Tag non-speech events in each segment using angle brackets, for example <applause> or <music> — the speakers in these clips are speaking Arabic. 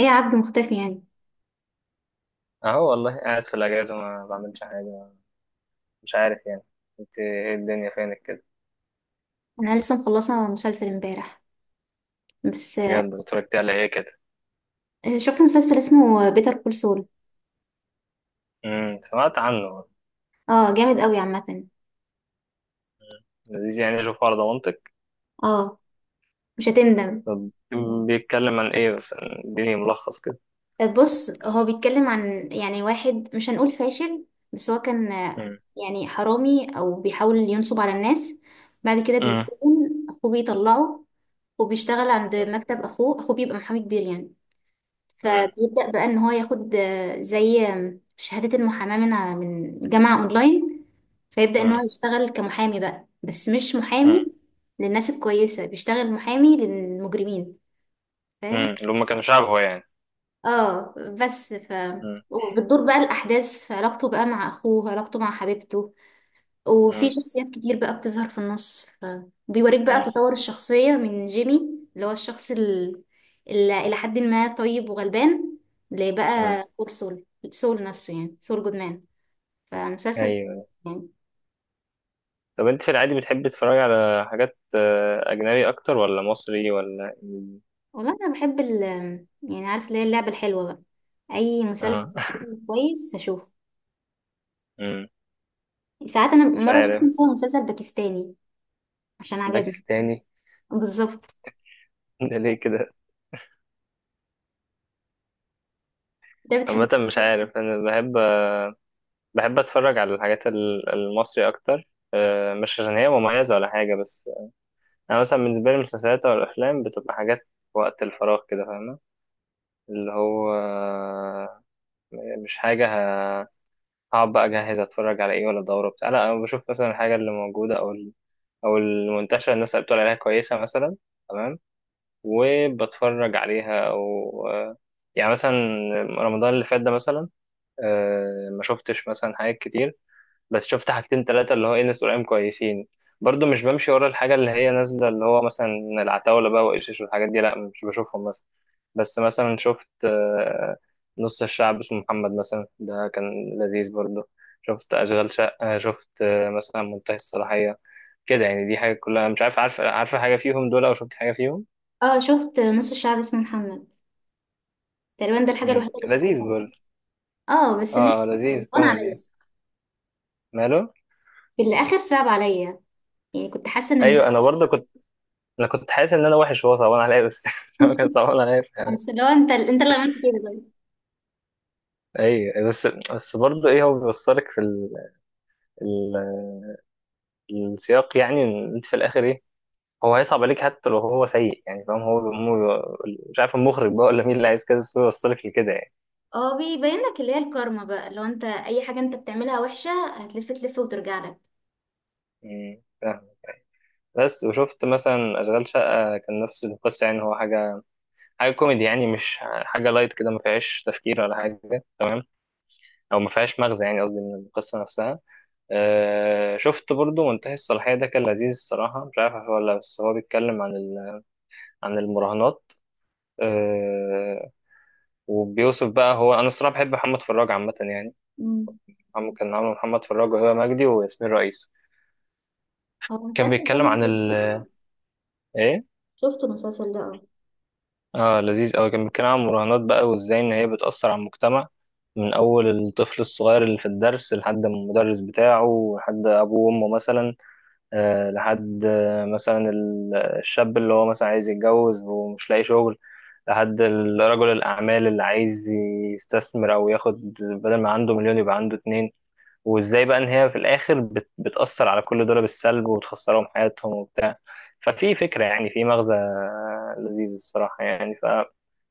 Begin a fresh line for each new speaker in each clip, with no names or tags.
ايه يا عبد، مختفي يعني؟
اهو، والله قاعد في الاجازه ما بعملش حاجه. مش عارف يعني. انت ايه الدنيا فينك كده؟
انا لسه مخلصه مسلسل امبارح، بس.
بجد اتفرجت على ايه كده؟
شفت مسلسل اسمه بيتر كول سول.
سمعت عنه.
اه، جامد قوي عامه.
مم. لذيذ، يعني له فرض منطق.
اه، مش هتندم.
طب، بيتكلم عن ايه؟ بس اديني ملخص كده.
بص، هو بيتكلم عن يعني واحد مش هنقول فاشل، بس هو كان.
امم.
يعني حرامي او بيحاول ينصب على الناس. بعد كده
امم.
بيتسجن، اخوه بيطلعه. وبيشتغل عند مكتب اخوه. اخوه بيبقى محامي كبير يعني.
امم.
فبيبدأ بقى ان هو ياخد زي شهادة المحاماة من جامعة اونلاين. فيبدأ ان
امم.
هو يشتغل كمحامي بقى، بس مش محامي للناس الكويسة، بيشتغل محامي للمجرمين. فاهم؟
امم. اللي هم كانوا شعب هو يعني.
اه، بس.
امم.
وبتدور بقى الأحداث في علاقته بقى مع أخوه، علاقته مع حبيبته. وفي
امم.
شخصيات كتير بقى بتظهر في النص، فبيوريك بقى
امم.
تطور الشخصية من جيمي، اللي هو الشخص اللي إلى حد ما طيب وغلبان،
امم.
لبقى كول سول. سول نفسه يعني، سول جودمان. فمسلسل
ايوه.
يعني.
طب انت في العادي بتحب تتفرج على حاجات اجنبي اكتر ولا مصري ولا إنجليزي؟
والله أنا بحب. يعني عارف اللي هي اللعبة الحلوة بقى، أي مسلسل
اه <laughs>
كويس أشوفه.
مم.
ساعات أنا
مش
مرة شفت
عارف.
مثلا مسلسل باكستاني عشان عجبني.
باكستاني <laughs>
بالظبط،
ده ليه كده؟
ده
عامة
بتحب.
مش عارف، أنا بحب، بحب أتفرج على الحاجات المصري أكتر. مش عشان هي مميزة ولا حاجة، بس أنا مثلا بالنسبة لي المسلسلات أو الأفلام بتبقى حاجات وقت الفراغ كده، فاهمة؟ اللي هو مش حاجة ه- هقعد بقى أجهز أتفرج على إيه ولا دورة بتاع. لا، أنا بشوف مثلا الحاجة اللي موجودة، أو أو المنتشرة، الناس اللي بتقول عليها كويسة مثلا. تمام. وبتفرج عليها، أو يعني مثلا رمضان اللي فات ده مثلا، ما شفتش مثلا حاجات كتير، بس شفت حاجتين تلاتة، اللي هو ايه، ناس قريبين كويسين. برضو مش بمشي ورا الحاجة اللي هي نازلة، اللي هو مثلا العتاولة بقى وإيشيش والحاجات دي، لأ مش بشوفهم مثلا. بس مثلا شفت نص الشعب اسمه محمد مثلا، ده كان لذيذ برضو. شفت أشغال شقة، شفت مثلا منتهي الصلاحية، كده يعني. دي حاجة كلها، مش عارف عارفة حاجة فيهم دول؟ أو شفت حاجة فيهم؟
اه، شفت نص الشعب اسمه محمد، تقريبا ده الحاجة
مم.
الوحيدة اللي
لذيذ
تابعتها.
برضو.
اه بس.
اه لذيذ <laughs>
وانا عامله
كوميدي.
لسه،
ماله.
في الاخر صعب عليا. يعني كنت حاسه ان...
أيوة أنا برضو كنت. أنا كنت حاسس إن أنا وحش وهو صعبان عليا، بس <laughs> هو كان
<laughs>
صعبان عليا.
بس لو انت اللي عملت كده طيب.
اي، بس برضه ايه، هو بيوصلك في ال... السياق، يعني إن انت في الاخر ايه، هو هيصعب عليك حتى لو هو سيء. يعني فاهم، مش عارف المخرج بقى ولا مين اللي عايز كده، بس هو يوصلك لكده يعني.
اه، بيبين لك اللي هي الكارما بقى. لو انت اي حاجه انت بتعملها وحشه، هتلف تلف وترجع لك.
فاهم. بس وشفت مثلا اشغال شقه، كان نفس القصه، يعني هو حاجه كوميدي، يعني مش حاجه لايت كده ما فيهاش تفكير ولا حاجه. تمام. او ما فيهاش مغزى يعني، قصدي من القصه نفسها. أه شفت برضو منتهي الصلاحيه، ده كان لذيذ الصراحه. مش عارف هو ولا، بس هو بيتكلم عن عن المراهنات، آه، وبيوصف بقى هو. انا الصراحه بحب محمد فراج عامه يعني.
مم.
عم كان عامل محمد فراج وهبه مجدي وياسمين رئيس،
هو
كان
المسلسل ده
بيتكلم
انا
عن
شفته.
ايه،
شفت المسلسل ده، اه.
اه لذيذ قوي. كان بيتكلم عن المراهنات بقى، وازاي ان هي بتاثر على المجتمع، من اول الطفل الصغير اللي في الدرس لحد المدرس بتاعه، لحد ابوه وامه مثلا، لحد مثلا الشاب اللي هو مثلا عايز يتجوز ومش لاقي شغل، لحد رجل الأعمال اللي عايز يستثمر أو ياخد، بدل ما عنده مليون يبقى عنده اتنين. وإزاي بقى إن هي في الآخر بتأثر على كل دول بالسلب وتخسرهم حياتهم وبتاع. ففي فكرة يعني، في مغزى لذيذ الصراحة يعني، ف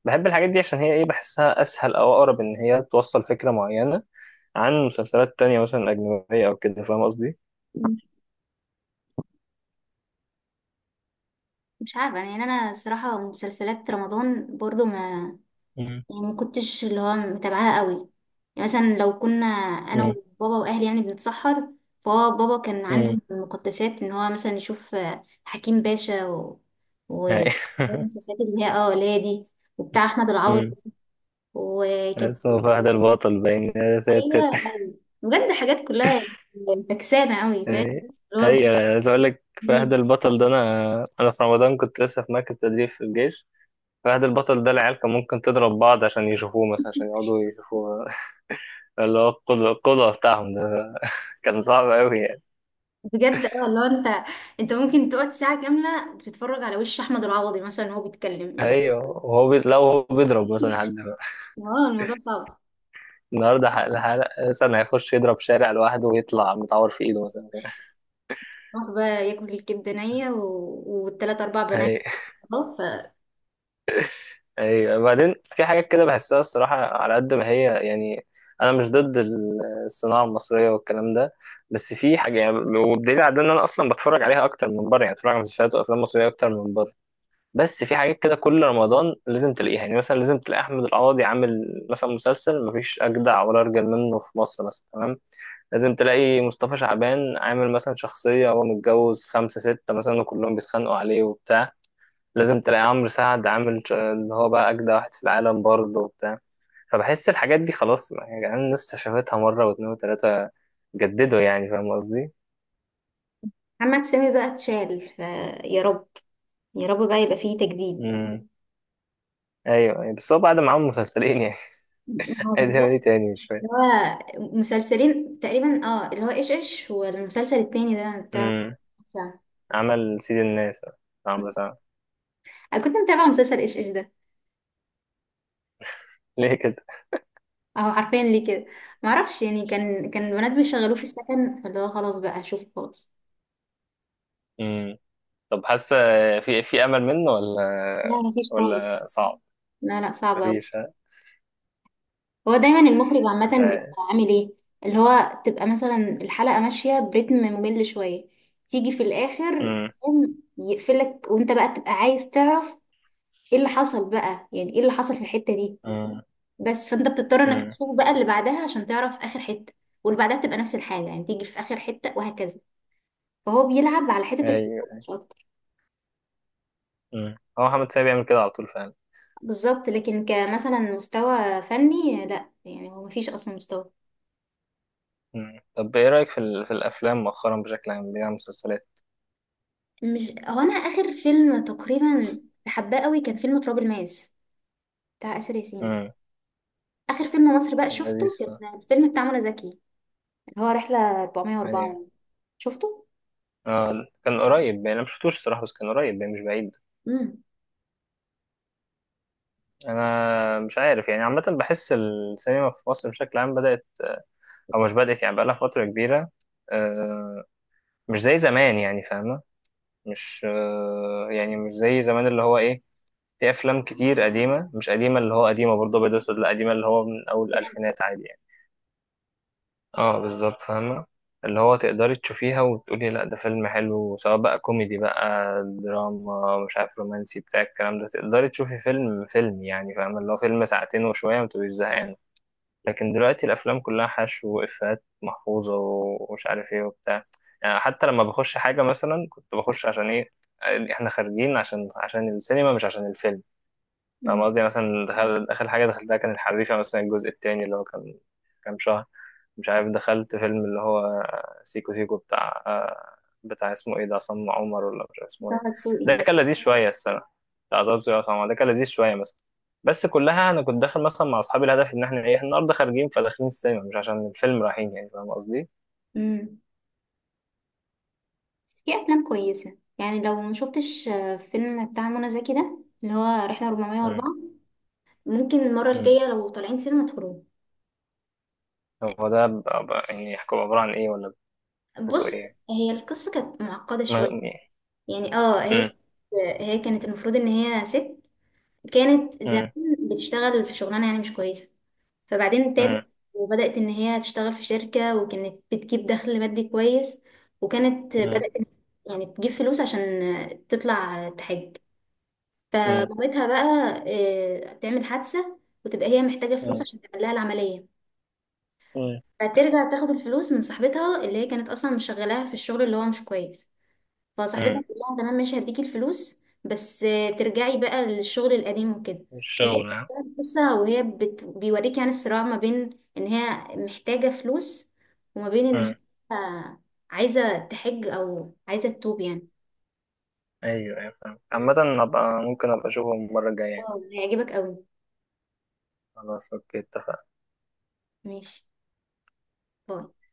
بحب الحاجات دي عشان هي إيه، بحسها أسهل أو أقرب إن هي توصل فكرة معينة عن مسلسلات تانية مثلا أجنبية أو كده، فاهم قصدي؟
مم. مش عارفه يعني، انا الصراحه مسلسلات رمضان برضو ما...
مم.
يعني ما كنتش اللي هو متابعاها قوي. يعني مثلا لو كنا انا وبابا واهلي يعني بنتسحر، فهو بابا كان عنده
مم.
من المقدسات ان هو مثلا يشوف حكيم باشا و
أي <laughs>
المسلسلات اللي هي اللي هي دي، وبتاع احمد العوض.
أمم.
وكان...
بس هو فهد البطل باين، يا
ايوه.
ساتر.
ايوه بجد، حاجات كلها فكسانه قوي، فاهم؟
أي،
اللي هو
أي، أنا عايز أقول لك فهد
البطيخ.
البطل ده، أنا في رمضان كنت لسه في مركز تدريب في الجيش. فهد البطل ده العيال كان ممكن تضرب بعض عشان يشوفوه مثلا، عشان يقعدوا يشوفوه <laughs> اللي هو القدوة، القدوة بتاعهم ده، كان صعب أوي يعني.
بجد، اه اللي هو انت، انت ممكن تقعد ساعه كامله بتتفرج على وش احمد العوضي مثلا وهو بيتكلم يعني.
أيوه وهو لو هو بيضرب مثلا
<laughs>
حد،
اه، الموضوع صعب.
النهارده حلقة مثلا هيخش يضرب شارع لوحده ويطلع متعور في إيده مثلا.
راح بقى ياكل الكبدة نية والتلات أربع بنات.
أيوه،
خلاص.
ايوه، بعدين في حاجات كده بحسها الصراحه، على قد ما هي يعني انا مش ضد الصناعه المصريه والكلام ده، بس في حاجه يعني. والدليل على ده ان انا اصلا بتفرج عليها اكتر من بره، يعني بتفرج على مسلسلات وافلام مصريه اكتر من بره، بس في حاجات كده كل رمضان لازم تلاقيها. يعني مثلا لازم تلاقي احمد القاضي عامل مثلا مسلسل مفيش اجدع ولا ارجل منه في مصر مثلا، تمام. لازم تلاقي مصطفى شعبان عامل مثلا شخصيه هو متجوز خمسه سته مثلا، وكلهم بيتخانقوا عليه وبتاع. لازم تلاقي عمرو سعد عامل اللي هو بقى أجدع واحد في العالم برضه وبتاع. فبحس الحاجات دي خلاص يعني الناس شافتها مرة واتنين وتلاتة، جددوا يعني، فاهم قصدي؟
فمحمد سامي بقى اتشال، فيا رب. يا رب بقى يبقى فيه تجديد.
امم. أيوه، أيوة. بس هو بعد ما عمل مسلسلين يعني
هو
<laughs> عايز يعمل
بالظبط،
إيه تاني؟ مش فاهم.
اللي هو مسلسلين تقريبا، اه اللي هو ايش ايش، والمسلسل التاني ده بتاع
امم.
بتاع-
عمل سيد الناس، عمرو سعد.
انا كنت متابعة مسلسل ايش ايش ده.
<laughs> ليه كده؟
اهو عارفين ليه كده؟ معرفش، يعني كان البنات بيشغلوه في السكن، فاللي هو خلاص بقى هشوفه خالص.
امم. طب حاسة، في أمل منه
لا
ولا،
مفيش
ولا
خالص.
صعب؟
لا لا، صعب أوي.
مفيش، ها؟
هو دايما المخرج عامة
مش عارف.
بيبقى عامل ايه؟ اللي هو تبقى مثلا الحلقة ماشية برتم ممل شوية، تيجي في الآخر
امم.
يقوم يقفلك، وانت بقى تبقى عايز تعرف ايه اللي حصل بقى، يعني ايه اللي حصل في الحتة دي.
امم.
بس فانت بتضطر انك
امم.
تشوف بقى اللي بعدها عشان تعرف آخر حتة، واللي بعدها تبقى نفس الحاجة. يعني تيجي في آخر حتة وهكذا. فهو بيلعب على حتة الفضول
أيوه.
مش أكتر.
هو محمد سامي بيعمل كده على طول فعلا.
بالظبط، لكن كمثلا مستوى فني لا، يعني هو مفيش أصلا مستوى.
مم. طب ايه رأيك في الافلام مؤخرا بشكل عام، اللي هي مسلسلات.
مش هو، انا اخر فيلم تقريبا حباه قوي كان فيلم تراب الماس، بتاع آسر ياسين.
مم.
اخر فيلم مصري بقى
كان
شفته،
لذيذ
كان الفيلم بتاع منى زكي، اللي هو رحله
يعني.
404. شفته؟
آه كان قريب يعني، انا مش شفتوش الصراحه، بس كان قريب يعني مش بعيد.
امم.
انا مش عارف يعني، عامه بحس السينما في مصر بشكل عام بدأت، او مش بدأت يعني بقالها فتره كبيره. آه مش زي زمان يعني، فاهمه؟ مش يعني مش زي زمان، اللي هو ايه، في افلام كتير قديمه، مش قديمه اللي هو قديمه برضه ابيض واسود، لا قديمه اللي هو من اول الالفينات عادي. اه بالظبط، فاهمة. اللي هو تقدري تشوفيها وتقولي لا ده فيلم حلو، سواء بقى كوميدي بقى دراما مش عارف رومانسي بتاع الكلام ده، تقدري تشوفي فيلم يعني، فاهمة؟ اللي هو فيلم ساعتين وشوية متبقيش زهقانة. لكن دلوقتي الأفلام كلها حشو وإفيهات محفوظة ومش عارف ايه وبتاع، يعني حتى لما بخش حاجة مثلا، كنت بخش عشان ايه؟ احنا خارجين عشان السينما مش عشان الفيلم، فاهم
مم.
قصدي؟ يعني مثلا، دخل آخر حاجة دخلتها كان الحريفة مثلا، الجزء التاني اللي هو كان كام شهر مش عارف. دخلت فيلم اللي هو سيكو سيكو بتاع بتاع اسمه ايه ده، عصام عمر ولا مش عارف اسمه
طه
ايه،
دسوقي،
ده
اه.
كان لذيذ شوية، السنة بتاع زوزو يا عصام عمر، ده كان لذيذ شوية مثلا. بس كلها أنا كنت داخل مثلا مع أصحابي الهدف إن إحنا إيه النهاردة خارجين، فداخلين السينما مش عشان الفيلم، رايحين يعني فاهم قصدي؟
امم. في افلام كويسه، يعني لو ما شفتش فيلم بتاع منى زكي ده، اللي هو رحله
مم.
404، ممكن المره
مم.
الجايه لو طالعين سينما تخرجوا.
هو ده يعني يحكوا عبارة عن ايه ولا بتوع
بص،
ايه؟
هي القصه كانت معقده
ما...
شويه.
مم.
يعني هي، هي كانت المفروض ان هي ست. كانت زمان
مم.
بتشتغل في شغلانة يعني مش كويسة، فبعدين تابت.
مم.
وبدأت إن هي تشتغل في شركة، وكانت بتجيب دخل مادي كويس. وكانت
مم.
بدأت يعني تجيب فلوس عشان تطلع تحج. فمامتها بقى تعمل حادثة، وتبقى هي محتاجة فلوس
مم.
عشان تعمل لها العملية.
مم.
فترجع تاخد الفلوس من صاحبتها، اللي هي كانت أصلا مشغلاها في الشغل اللي هو مش كويس.
امم
فصاحبتها بتقول لها تمام ماشي هديكي الفلوس، بس ترجعي بقى للشغل القديم وكده. وتبدأ
الشغل، ها؟
بقى القصة، وهي بيوريك يعني الصراع ما بين ان هي محتاجة فلوس، وما بين ان هي
امم
آه، عايزة تحج او عايزة تتوب يعني.
ايوه، ايوه، فاهم عامة. ابقى ممكن ابقى اشوفهم المرة الجاية يعني.
واو، هيعجبك قوي.
خلاص، اوكي، اتفقنا.
ماشي. باي.